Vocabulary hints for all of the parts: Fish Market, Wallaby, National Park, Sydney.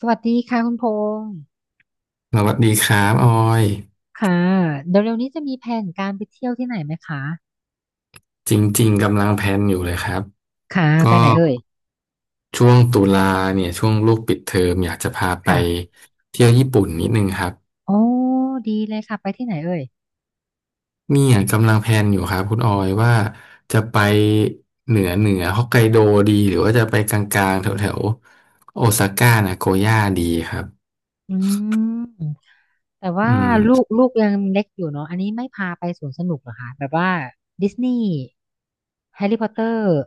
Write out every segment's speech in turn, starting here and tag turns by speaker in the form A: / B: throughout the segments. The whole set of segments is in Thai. A: สวัสดีค่ะคุณพงษ์
B: สวัสดีครับออย
A: ค่ะ เดี๋ยวเร็วนี้จะมีแผนการไปเที่ยวที่ไหนไหมคะ
B: จริงๆกำลังแพลนอยู่เลยครับ
A: ค่ะ ไป
B: ก็
A: ไหนเอ่ย
B: ช่วงตุลาเนี่ยช่วงลูกปิดเทอมอยากจะพาไป
A: ค่ะ
B: เที่ยวญี่ปุ่นนิดนึงครับ
A: โอ้ดีเลยค่ะ ไปที่ไหนเอ่ย
B: เนี่ยกำลังแพลนอยู่ครับคุณออยว่าจะไปเหนือฮอกไกโดดีหรือว่าจะไปกลางๆแถวๆโอซาก้านาโกย่าดีครับ
A: อืม แต่
B: อื
A: ว่า
B: ม
A: ลูกยังเล็กอยู่เนาะอันนี้ไม่พาไปสวนสนุกเหรอคะแบบว่าดิสนีย์แฮร์รี่พอตเตอร์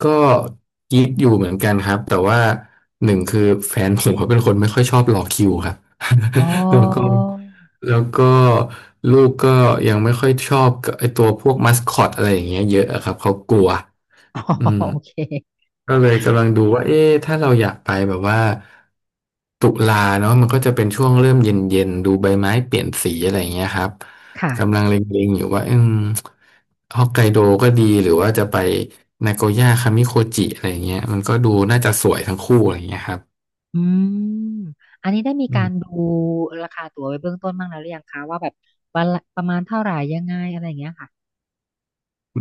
B: ก็คิดอยู่เหมือนกันครับแต่ว่าหนึ่งคือแฟนผมเขาเป็นคนไม่ค่อยชอบรอคิวครับ
A: อ๋อ
B: แล้วก็ แล้วก็ลูกก็ยังไม่ค่อยชอบกับไอตัวพวกมัสคอตอะไรอย่างเงี้ยเยอะอะครับเขากลัว
A: อ๋อ
B: อืม
A: โอเค
B: ก็เลยกำลังดูว่าเอ๊ะถ้าเราอยากไปแบบว่าตุลาเนาะมันก็จะเป็นช่วงเริ่มเย็นๆดูใบไม้เปลี่ยนสีอะไรอย่างเงี้ยครับ
A: ค่ะ
B: กำลังเล็งๆอยู่ว่าฮอกไกโดก็ดีหรือว่าจะไปนาโกย่าคามิโคจิอะไรอย่างเงี้ยมันก็ดูน่าจะสวยทั้งคู่อะไรอย่างเงี้ยครับ
A: อืม อันนี้ได้มี
B: อื
A: กา
B: ม
A: รดูราคาตั๋วไว้เบื้องต้นบ้างแล้วหรือยังคะว่าแบบวันละประมาณเท่าไหร่ยังไงอะไรอย่างเงี้ยค่ะ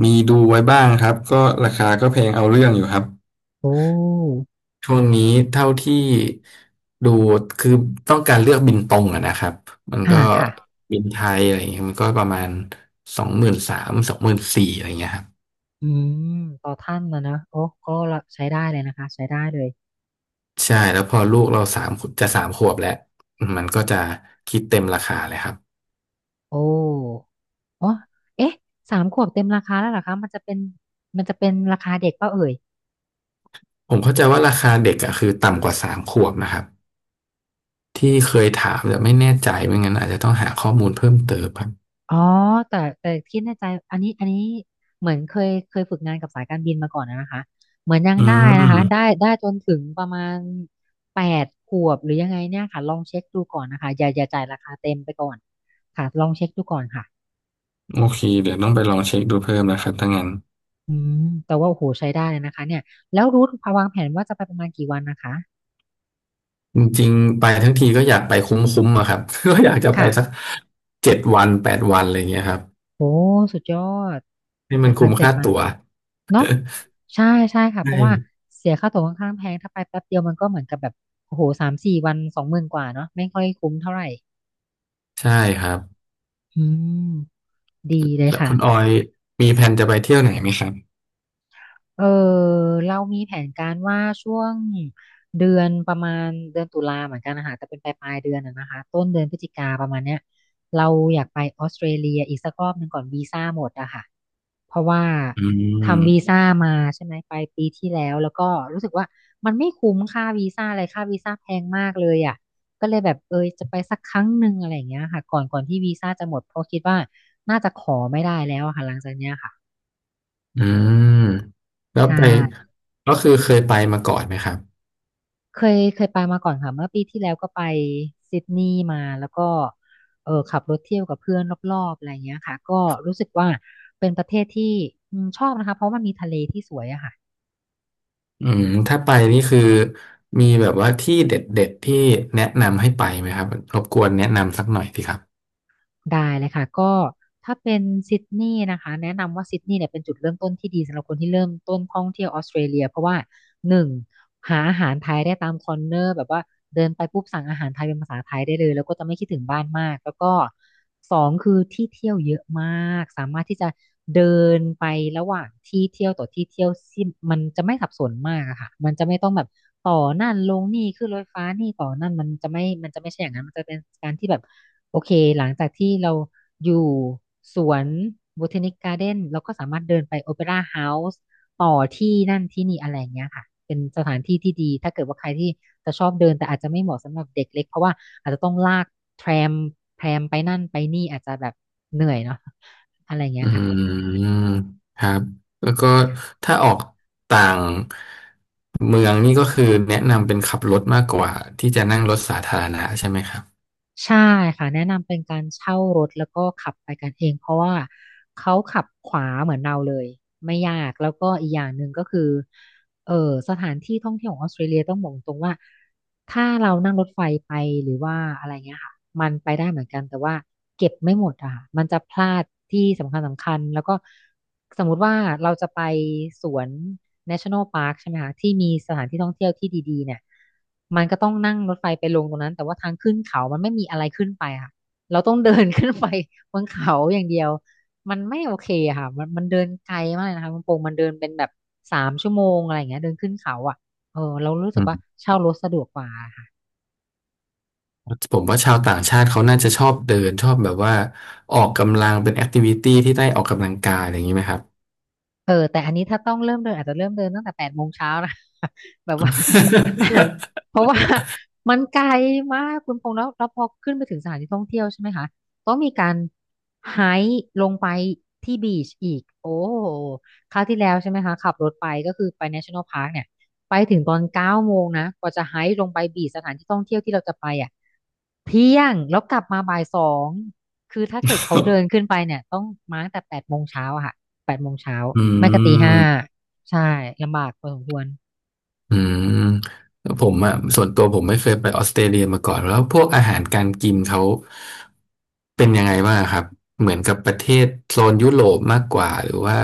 B: มีดูไว้บ้างครับก็ราคาก็แพงเอาเรื่องอยู่ครับ
A: โอ้
B: ช่วงนี้เท่าที่ดูคือต้องการเลือกบินตรงอะนะครับมัน
A: อ่า
B: ก็
A: ค่ะ
B: บินไทยอะไรเงี้ยมันก็ประมาณ20,000 สาม 20,000 สี่อะไรเงี้ยครับ
A: อืมต่อท่านนะนะโอ้ก็ใช้ได้เลยนะคะใช้ได้เลย
B: ใช่แล้วพอลูกเราสามจะสามขวบแล้วมันก็จะคิดเต็มราคาเลยครับ
A: โอ้อ๋อเอ๊ะสามขวบเต็มราคาแล้วเหรอคะมันจะเป็นราคาเด็กเปล่าเอ่ย
B: ผมเข้าใจว่าราคาเด็กอะคือต่ำกว่าสามขวบนะครับที่เคยถามแต่ไม่แน่ใจไม่งั้นอาจจะต้องหาข้อมูลเพิ่มเติมครับ
A: อ๋อแต่คิดในใจอันนี้เหมือนเคยฝึกงานกับสายการบินมาก่อนนะนะคะเหมือนยัง
B: อื
A: ได้นะคะได้
B: ม
A: ได้จนถึงประมาณแปดขวบหรือยังไงเนี่ยค่ะลองเช็คดูก่อนนะคะอย่าจ่ายราคาเต็มไปก่อนค่ะลองเช็คดูก่อนค่ะ
B: โอเคเดี๋ยวต้องไปลองเช็คดูเพิ่มนะครับถ้างั้น
A: อืมแต่ว่าโอ้โหใช้ได้เลยนะคะเนี่ยแล้วรูทวางแผนว่าจะไปประมาณกี่วันนะคะ
B: จริงๆไปทั้งทีก็อยากไปคุ้มๆอะครับ ก็อยากจะไป
A: ค่ะ
B: สักเจ็ดวันแปดวันอะไรเงี้ยครับ
A: โอ้สุดยอด
B: ให้
A: แป
B: มัน
A: ดวั
B: คุ้
A: น
B: ม
A: เจ็ด
B: ค่า
A: วัน
B: ตั๋ว
A: เนาะใช่ใช่ค่ะเพ
B: ใช่
A: ราะว่าเสียค่าตั๋วค่อนข้างแพงถ้าไปแป๊บเดียวมันก็เหมือนกับแบบโอ้โหสามสี่วันสองหมื่นกว่าเนาะไม่ค่อยคุ้มเท่าไหร่
B: ใช่ครับ
A: อืมดีเลย
B: แล้วคุณออ
A: ค่ะ
B: ยมีแผนจะไปเที่ยวไหนไหมครับ
A: เออเรามีแผนการว่าช่วงเดือนประมาณเดือนตุลาเหมือนกันนะคะแต่เป็นปลายเดือนนะนะคะต้นเดือนพฤศจิกาประมาณเนี้ยเราอยากไปออสเตรเลียอีกสักรอบหนึ่งก่อนวีซ่าหมดอะค่ะเพราะว่า
B: อื
A: ทำวี
B: ม
A: ซ่ามาใช่ไหมไปปีที่แล้วแล้วก็รู้สึกว่ามันไม่คุ้มค่าวีซ่าอะไรค่าวีซ่าแพงมากเลยอะก็เลยแบบเออจะไปสักครั้งหนึ่งอะไรอย่างเงี้ยค่ะก่อนที่วีซ่าจะหมดเพราะคิดว่าน่าจะขอไม่ได้แล้วอะค่ะหลังจากเนี้ยค่ะ
B: อืมแล้ว
A: ใช่
B: ไปก็คือเคยไปมาก่อนไหมครับ
A: เคยไปมาก่อนค่ะเมื่อปีที่แล้วก็ไปซิดนีย์มาแล้วก็เออขับรถเที่ยวกับเพื่อนรอบๆอะไรเงี้ยค่ะก็รู้สึกว่าเป็นประเทศที่อืมชอบนะคะเพราะมันมีทะเลที่สวยอะค่ะ
B: อืมถ้าไปนี่คือมีแบบว่าที่เด็ดๆที่แนะนำให้ไปไหมครับรบกวนแนะนำสักหน่อยสิครับ
A: ได้เลยค่ะก็ถ้าเป็นซิดนีย์นะคะแนะนำว่าซิดนีย์เนี่ยเป็นจุดเริ่มต้นที่ดีสำหรับคนที่เริ่มต้นท่องเที่ยวออสเตรเลียเพราะว่า หนึ่งหาอาหารไทยได้ตามคอร์เนอร์แบบว่าเดินไปปุ๊บสั่งอาหารไทยเป็นภาษาไทยได้เลยแล้วก็จะไม่คิดถึงบ้านมากแล้วก็สองคือที่เที่ยวเยอะมากสามารถที่จะเดินไประหว่างที่เที่ยวต่อที่เที่ยวซิ่งมันจะไม่สับสนมากอะค่ะมันจะไม่ต้องแบบต่อนั่นลงนี่ขึ้นรถไฟฟ้านี่ต่อนั่นมันจะไม่ใช่อย่างนั้นมันจะเป็นการที่แบบโอเคหลังจากที่เราอยู่สวน b บ t ท n นิ g การ์เด้นเราก็สามารถเดินไปโอเปร่าเฮาส์ ต่อที่นั่นที่นี่อะไรอย่างเงี้ยค่ะเป็นสถานที่ที่ดีถ้าเกิดว่าใครที่จะชอบเดินแต่อาจจะไม่เหมาะสำหรับเด็กเล็กเพราะว่าอาจจะต้องลากแทรมแทรมไปนั่นไปนี่อาจจะแบบเหนื่อยเนาะอะไรอย่างเงี้
B: อื
A: ยค่ะ
B: มครับแล้วก็ถ้าออกต่างเมืองนี่ก็คือแนะนำเป็นขับรถมากกว่าที่จะนั่งรถสาธารณะใช่ไหมครับ
A: ใช่ค่ะแนะนำเป็นการเช่ารถแล้วก็ขับไปกันเองเพราะว่าเขาขับขวาเหมือนเราเลยไม่ยากแล้วก็อีกอย่างหนึ่งก็คือ เออสถานที่ท่องเที่ยวของออสเตรเลียต้องบอกตรงว่าถ้าเรานั่งรถไฟไปหรือว่าอะไรเงี้ยค่ะมันไปได้เหมือนกันแต่ว่าเก็บไม่หมดอะค่ะมันจะพลาดที่สำคัญแล้วก็สมมุติว่าเราจะไปสวน National Park ใช่ไหมคะที่มีสถานที่ท่องเที่ยวที่ดีๆเนี่ยมันก็ต้องนั่งรถไฟไปลงตรงนั้นแต่ว่าทางขึ้นเขา มันไม่มีอะไรขึ้นไปอะค่ะเราต้องเดิน ขึ้นไปบนเขาอย่างเดียว มันไม่โอเคอะค่ะมันเดินไกลมากเลยนะคะคุณพงษ์มันเดินเป็นแบบ3 ชั่วโมงอะไรอย่างเงี้ยเดินขึ้นเขาอ่ะเออเรารู้สึ
B: อื
A: กว่า
B: ม
A: เช่ารถสะดวกกว่าค่ะ
B: ผมว่าชาวต่างชาติเขาน่าจะชอบเดินชอบแบบว่าออกกำลังเป็นแอคทิวิตี้ที่ได้ออกกำลังกายอะไรอย่างนี้ไหมครับ
A: เออแต่อันนี้ถ้าต้องเริ่มเดินอาจจะเริ่มเดินตั้งแต่8 โมงเช้านะ แบบว่า เพราะว่ามันไกลมากคุณพงษ์แล้วพอขึ้นไปถึงสถานที่ท่องเที่ยวใช่ไหมคะต้องมีการไฮค์ลงไปที่บีชอีกโอ้โหคราวที่แล้วใช่ไหมคะขับรถไปก็คือไป National Park เนี่ยไปถึงตอน9 โมงนะกว่าจะไฮค์ลงไปบีชสถานที่ท่องเที่ยวที่เราจะไปอ่ะเที่ยงแล้วกลับมาบ่าย 2คือถ้าเกิดเขาเดินขึ้นไปเนี่ยต้องมาตั้งแต่8 โมงเช้าค่ะ
B: อื
A: ไม่ก็ตี 5
B: ม
A: ใช่ลำบากพอสมควร
B: อืมผมอ่ะส่วนตัวผมไม่เคยไปออสเตรเลียมาก่อนแล้วพวกอาหารการกินเขาเป็นยังไงบ้างครับเหมือนกับประเทศโซนยุโรปมากกว่าหรือว่า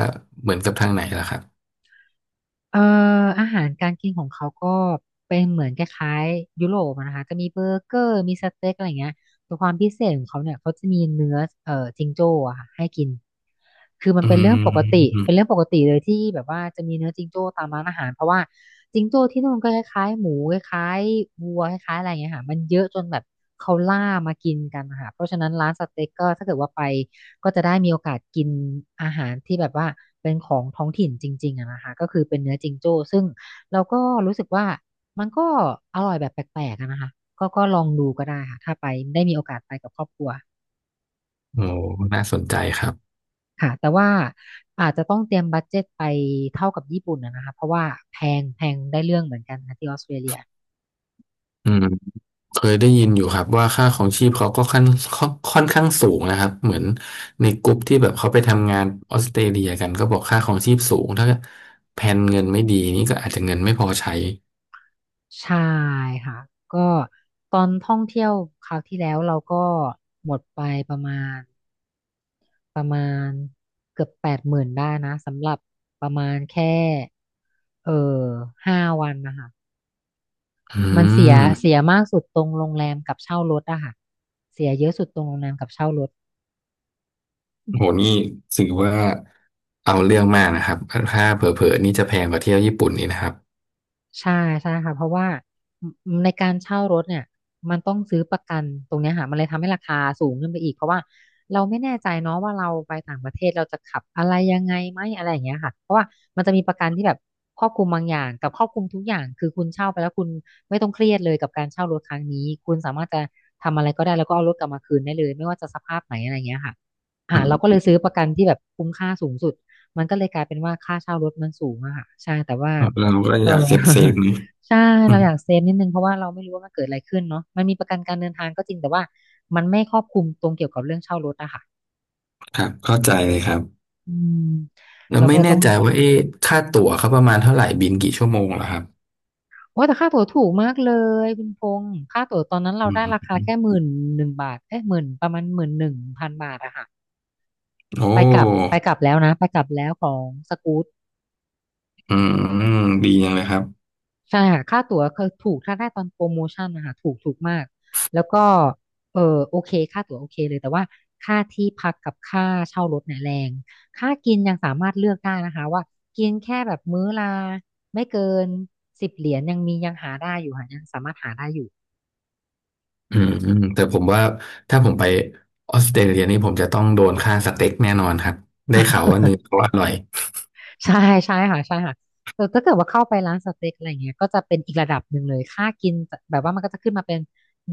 B: เหมือนกับทางไหนล่ะครับ
A: เอ่ออาหารการกินของเขาก็เป็นเหมือนคล้ายๆยุโรปอะนะคะจะมีเบอร์เกอร์มีสเต็กอะไรอย่างเงี้ยแต่ความพิเศษของเขาเนี่ยเขาจะมีเนื้อจิงโจ้อะค่ะให้กินคือมัน
B: อื
A: เป็นเรื่องปกติ
B: ม
A: เป็นเรื่องปกติเลยที่แบบว่าจะมีเนื้อจิงโจ้ตามร้านอาหารเพราะว่าจิงโจ้ที่นู่นก็คล้ายๆหมูคล้ายๆวัวคล้ายๆอะไรอย่างเงี้ยค่ะมันเยอะจนแบบเขาล่ามากินกันนะคะเพราะฉะนั้นร้านสเต็กก็ถ้าเกิดว่าไป ก็จะได้มีโอกาสกินอาหารที่แบบว่าเป็นของท้องถิ่นจริงๆอะนะคะก็คือเป็นเนื้อจิงโจ้ซึ่งเราก็รู้สึกว่ามันก็อร่อยแบบแปลกๆอะนะคะก็ลองดูก็ได้ค่ะถ้าไปได้มีโอกาสไปกับครอบครัว
B: โอ้น่าสนใจครับ
A: ค่ะแต่ว่าอาจจะต้องเตรียมบัดเจ็ตไปเท่ากับญี่ปุ่นอะนะคะเพราะว่าแพงแพงได้เรื่องเหมือนกันค่ะที่ออสเตรเลีย
B: อืมเคยได้ยินอยู่ครับว่าค่าของชีพเขาก็ค่อนข้างสูงนะครับเหมือนในกลุ่มที่แบบเขาไปทำงานออสเตรเลียกันก็บอกค่าของชีพสูงถ้าแผนเงินไม่ดีนี่ก็อาจจะเงินไม่พอใช้
A: ใช่ค่ะก็ตอนท่องเที่ยวคราวที่แล้วเราก็หมดไปประมาณ ประมาณเกือบ 80,000ได้นะสำหรับประมาณแค่เออ5 วันนะคะ
B: อื
A: มันเสีย
B: ม
A: เสียมากสุดตรงโรงแรมกับเช่ารถอะค่ะเสียเยอะสุดตรงโรงแรมกับเช่ารถ
B: โหนี่ถือว่าเอาเรื่องมากนะครับถ้าเผลอๆนี่จะแพงกว่าเที่ยวญี่ปุ่นนี่นะครับ
A: ใช่ใช่ค่ะเพราะว่าในการเช่ารถเนี่ยมันต้องซื้อประกันตรงเนี้ยค่ะมันเลยทำให้ราคาสูงขึ้นไปอีกเพราะว่าเราไม่แน่ใจเนาะว่าเราไปต่างประเทศเราจะขับอะไรยังไงไหมอะไรอย่างเงี้ยค่ะเพราะว่ามันจะมีประกันที่แบบครอบคลุมบางอย่างกับครอบคลุมทุกอย่างคือคุณเช่าไปแล้วคุณไม่ต้องเครียดเลยกับการเช่ารถครั้งนี้คุณสามารถจะทำอะไรก็ได้แล้วก็เอารถกลับมาคืนได้เลยไม่ว่าจะสภาพไหนอะไรอย่างเงี้ยค่ะ
B: อื
A: เรา
B: ม
A: ก็เลยซื้อประกันที่แบบคุ้มค่าสูงสุดมันก็เลยกลายเป็นว่าค่าเช่ารถมันสูงอะค่ะใช่แต่ว่า
B: เราก็
A: เออ
B: อยากเซฟ นี่
A: ใช่
B: อื
A: เรา
B: ม
A: อยากเซฟนิดนึงเพราะว่าเราไม่รู้ว่ามันเกิดอะไรขึ้นเนาะมันมีประกันการเดินทางก็จริงแต่ว่ามันไม่ครอบคลุมตรงเกี่ยวกับเรื่องเช่ารถอะค่ะ
B: ครับเข้าใจเลยครับ
A: อืม
B: แล้ว
A: เราก็
B: ไม่
A: เลย
B: แน่
A: ต้อง
B: ใจว่าเอ๊ะค่าตั๋วเขาประมาณเท่าไหร่บินกี่ชั่วโมงเหรอครับ
A: โอ้แต่ค่าตั๋วถูกมากเลยคุณพงษ์ค่าตั๋วตอนนั้นเรา
B: อื
A: ได้รา
B: ม
A: คาแค่11,000 บาทเอ๊หมื่นประมาณ11,000 บาทอะค่ะ
B: โอ
A: ไปกลับไป
B: ้
A: กลับแล้วนะไปกลับแล้วของสกู๊ต
B: อืมดีจังเลยครับ
A: ใช่ค่ะค่าตั๋วคือถูกถ้าได้ตอนโปรโมชั่นนะคะถูกถูกมากแล้วก็เออโอเคค่าตั๋วโอเคเลยแต่ว่าค่าที่พักกับค่าเช่ารถเนี่ยแรงค่ากินยังสามารถเลือกได้นะคะว่ากินแค่แบบมื้อละไม่เกินสิบเหรียญยังมียังหาได้อยู่ค่ะยังสามารถหาได้อยู่
B: อืมอืมแต่ผมว่าถ้าผมไปออสเตรเลียนี่ผมจะต้องโดนค่าสเต็กแน่นอนครับ ได้ข่าวว่าเนื้อ เขาอร่อย
A: ใช่ใช่ค่ะใช่ค่ะแต่ถ้าเกิดว่าเข้าไปร้านสเต็กอะไรเงี้ยก็จะเป็นอีกระดับหนึ่งเลยค่ากินแบบว่ามันก็จะขึ้นมาเป็น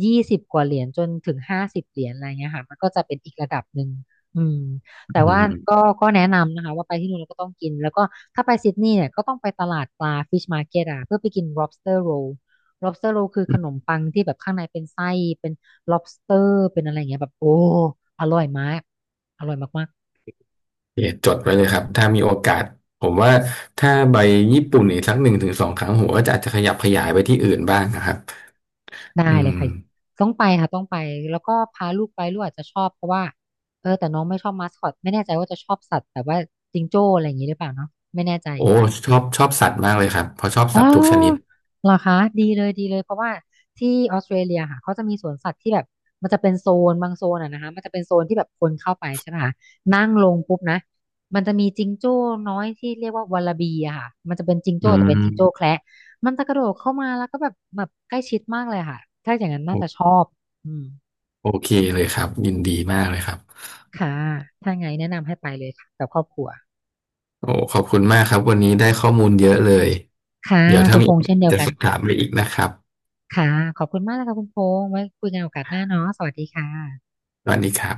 A: 20 กว่าเหรียญจนถึง50 เหรียญอะไรเงี้ยค่ะมันก็จะเป็นอีกระดับหนึ่งอืมแต่
B: อื
A: ว่าก็
B: ม
A: แนะนำนะคะว่าไปที่นู่นแล้วก็ต้องกินแล้วก็ถ้าไปซิดนีย์เนี่ยก็ต้องไปตลาดปลา Fish Market อ่ะเพื่อไปกิน lobster roll lobster roll คือขนมปังที่แบบข้างในเป็นไส้เป็น lobster เป็นอะไรเงี้ยแบบโอ้อร่อยมากอร่อยมากๆ
B: โอเคจดไว้เลยครับถ้ามีโอกาสผมว่าถ้าไปญี่ปุ่นอีกสักหนึ่งถึงสองครั้งผมก็จะอาจจะขยับขยายไปที่อื่นบ้างนะครับ
A: ได้
B: อื
A: เลยค่ะ
B: ม
A: ต้องไปค่ะต้องไปแล้วก็พาลูกไปลูกอาจจะชอบเพราะว่าเออแต่น้องไม่ชอบมาสคอตไม่แน่ใจว่าจะชอบสัตว์แบบว่าจิงโจ้อะไรอย่างนี้หรือเปล่าเนาะไม่แน่ใจ
B: โอ้ชอบสัตว์มากเลยครับเพราะชอบ
A: อ๋อ
B: สัตว์ทุกชนิด
A: เหรอคะดีเลยดีเลยเพราะว่าที่ออสเตรเลียค่ะเขาจะมีสวนสัตว์ที่แบบมันจะเป็นโซนบางโซนอ่ะนะคะมันจะเป็นโซนที่แบบคนเข้าไปใช่ไหมคะนั่งลงปุ๊บนะมันจะมีจิงโจ้น้อยที่เรียกว่าวาลาบีอะค่ะมันจะเป็นจิง
B: อื
A: โจ้แต่เป็นจิงโจ้แค
B: ม
A: ระมันจะกระโดดเข้ามาแล้วก็แบบใกล้ชิดมากเลยค่ะถ้าอย่างนั้นน่า
B: โอ
A: จะชอบอืม
B: โอเคเลยครับยินดีมากเลยครับ
A: ค่ะถ้าไงแนะนำให้ไปเลยค่ะกับครอบครัว
B: โอ้ขอบคุณมากครับวันนี้ได้ข้อมูลเยอะเลย
A: ค่ะ
B: เดี๋ยวถ้า
A: คุณ
B: มี
A: พ
B: โอ
A: งษ์
B: กา
A: เช่
B: ส
A: นเดียว
B: จะ
A: กั
B: ส
A: น
B: อบถาม
A: ค่ะ
B: ไปอีกนะครับ
A: ค่ะขอบคุณมากนะคะคุณพงษ์ไว้คุยกันโอกาสหน้าเนาะสวัสดีค่ะ
B: สวัสดีครับ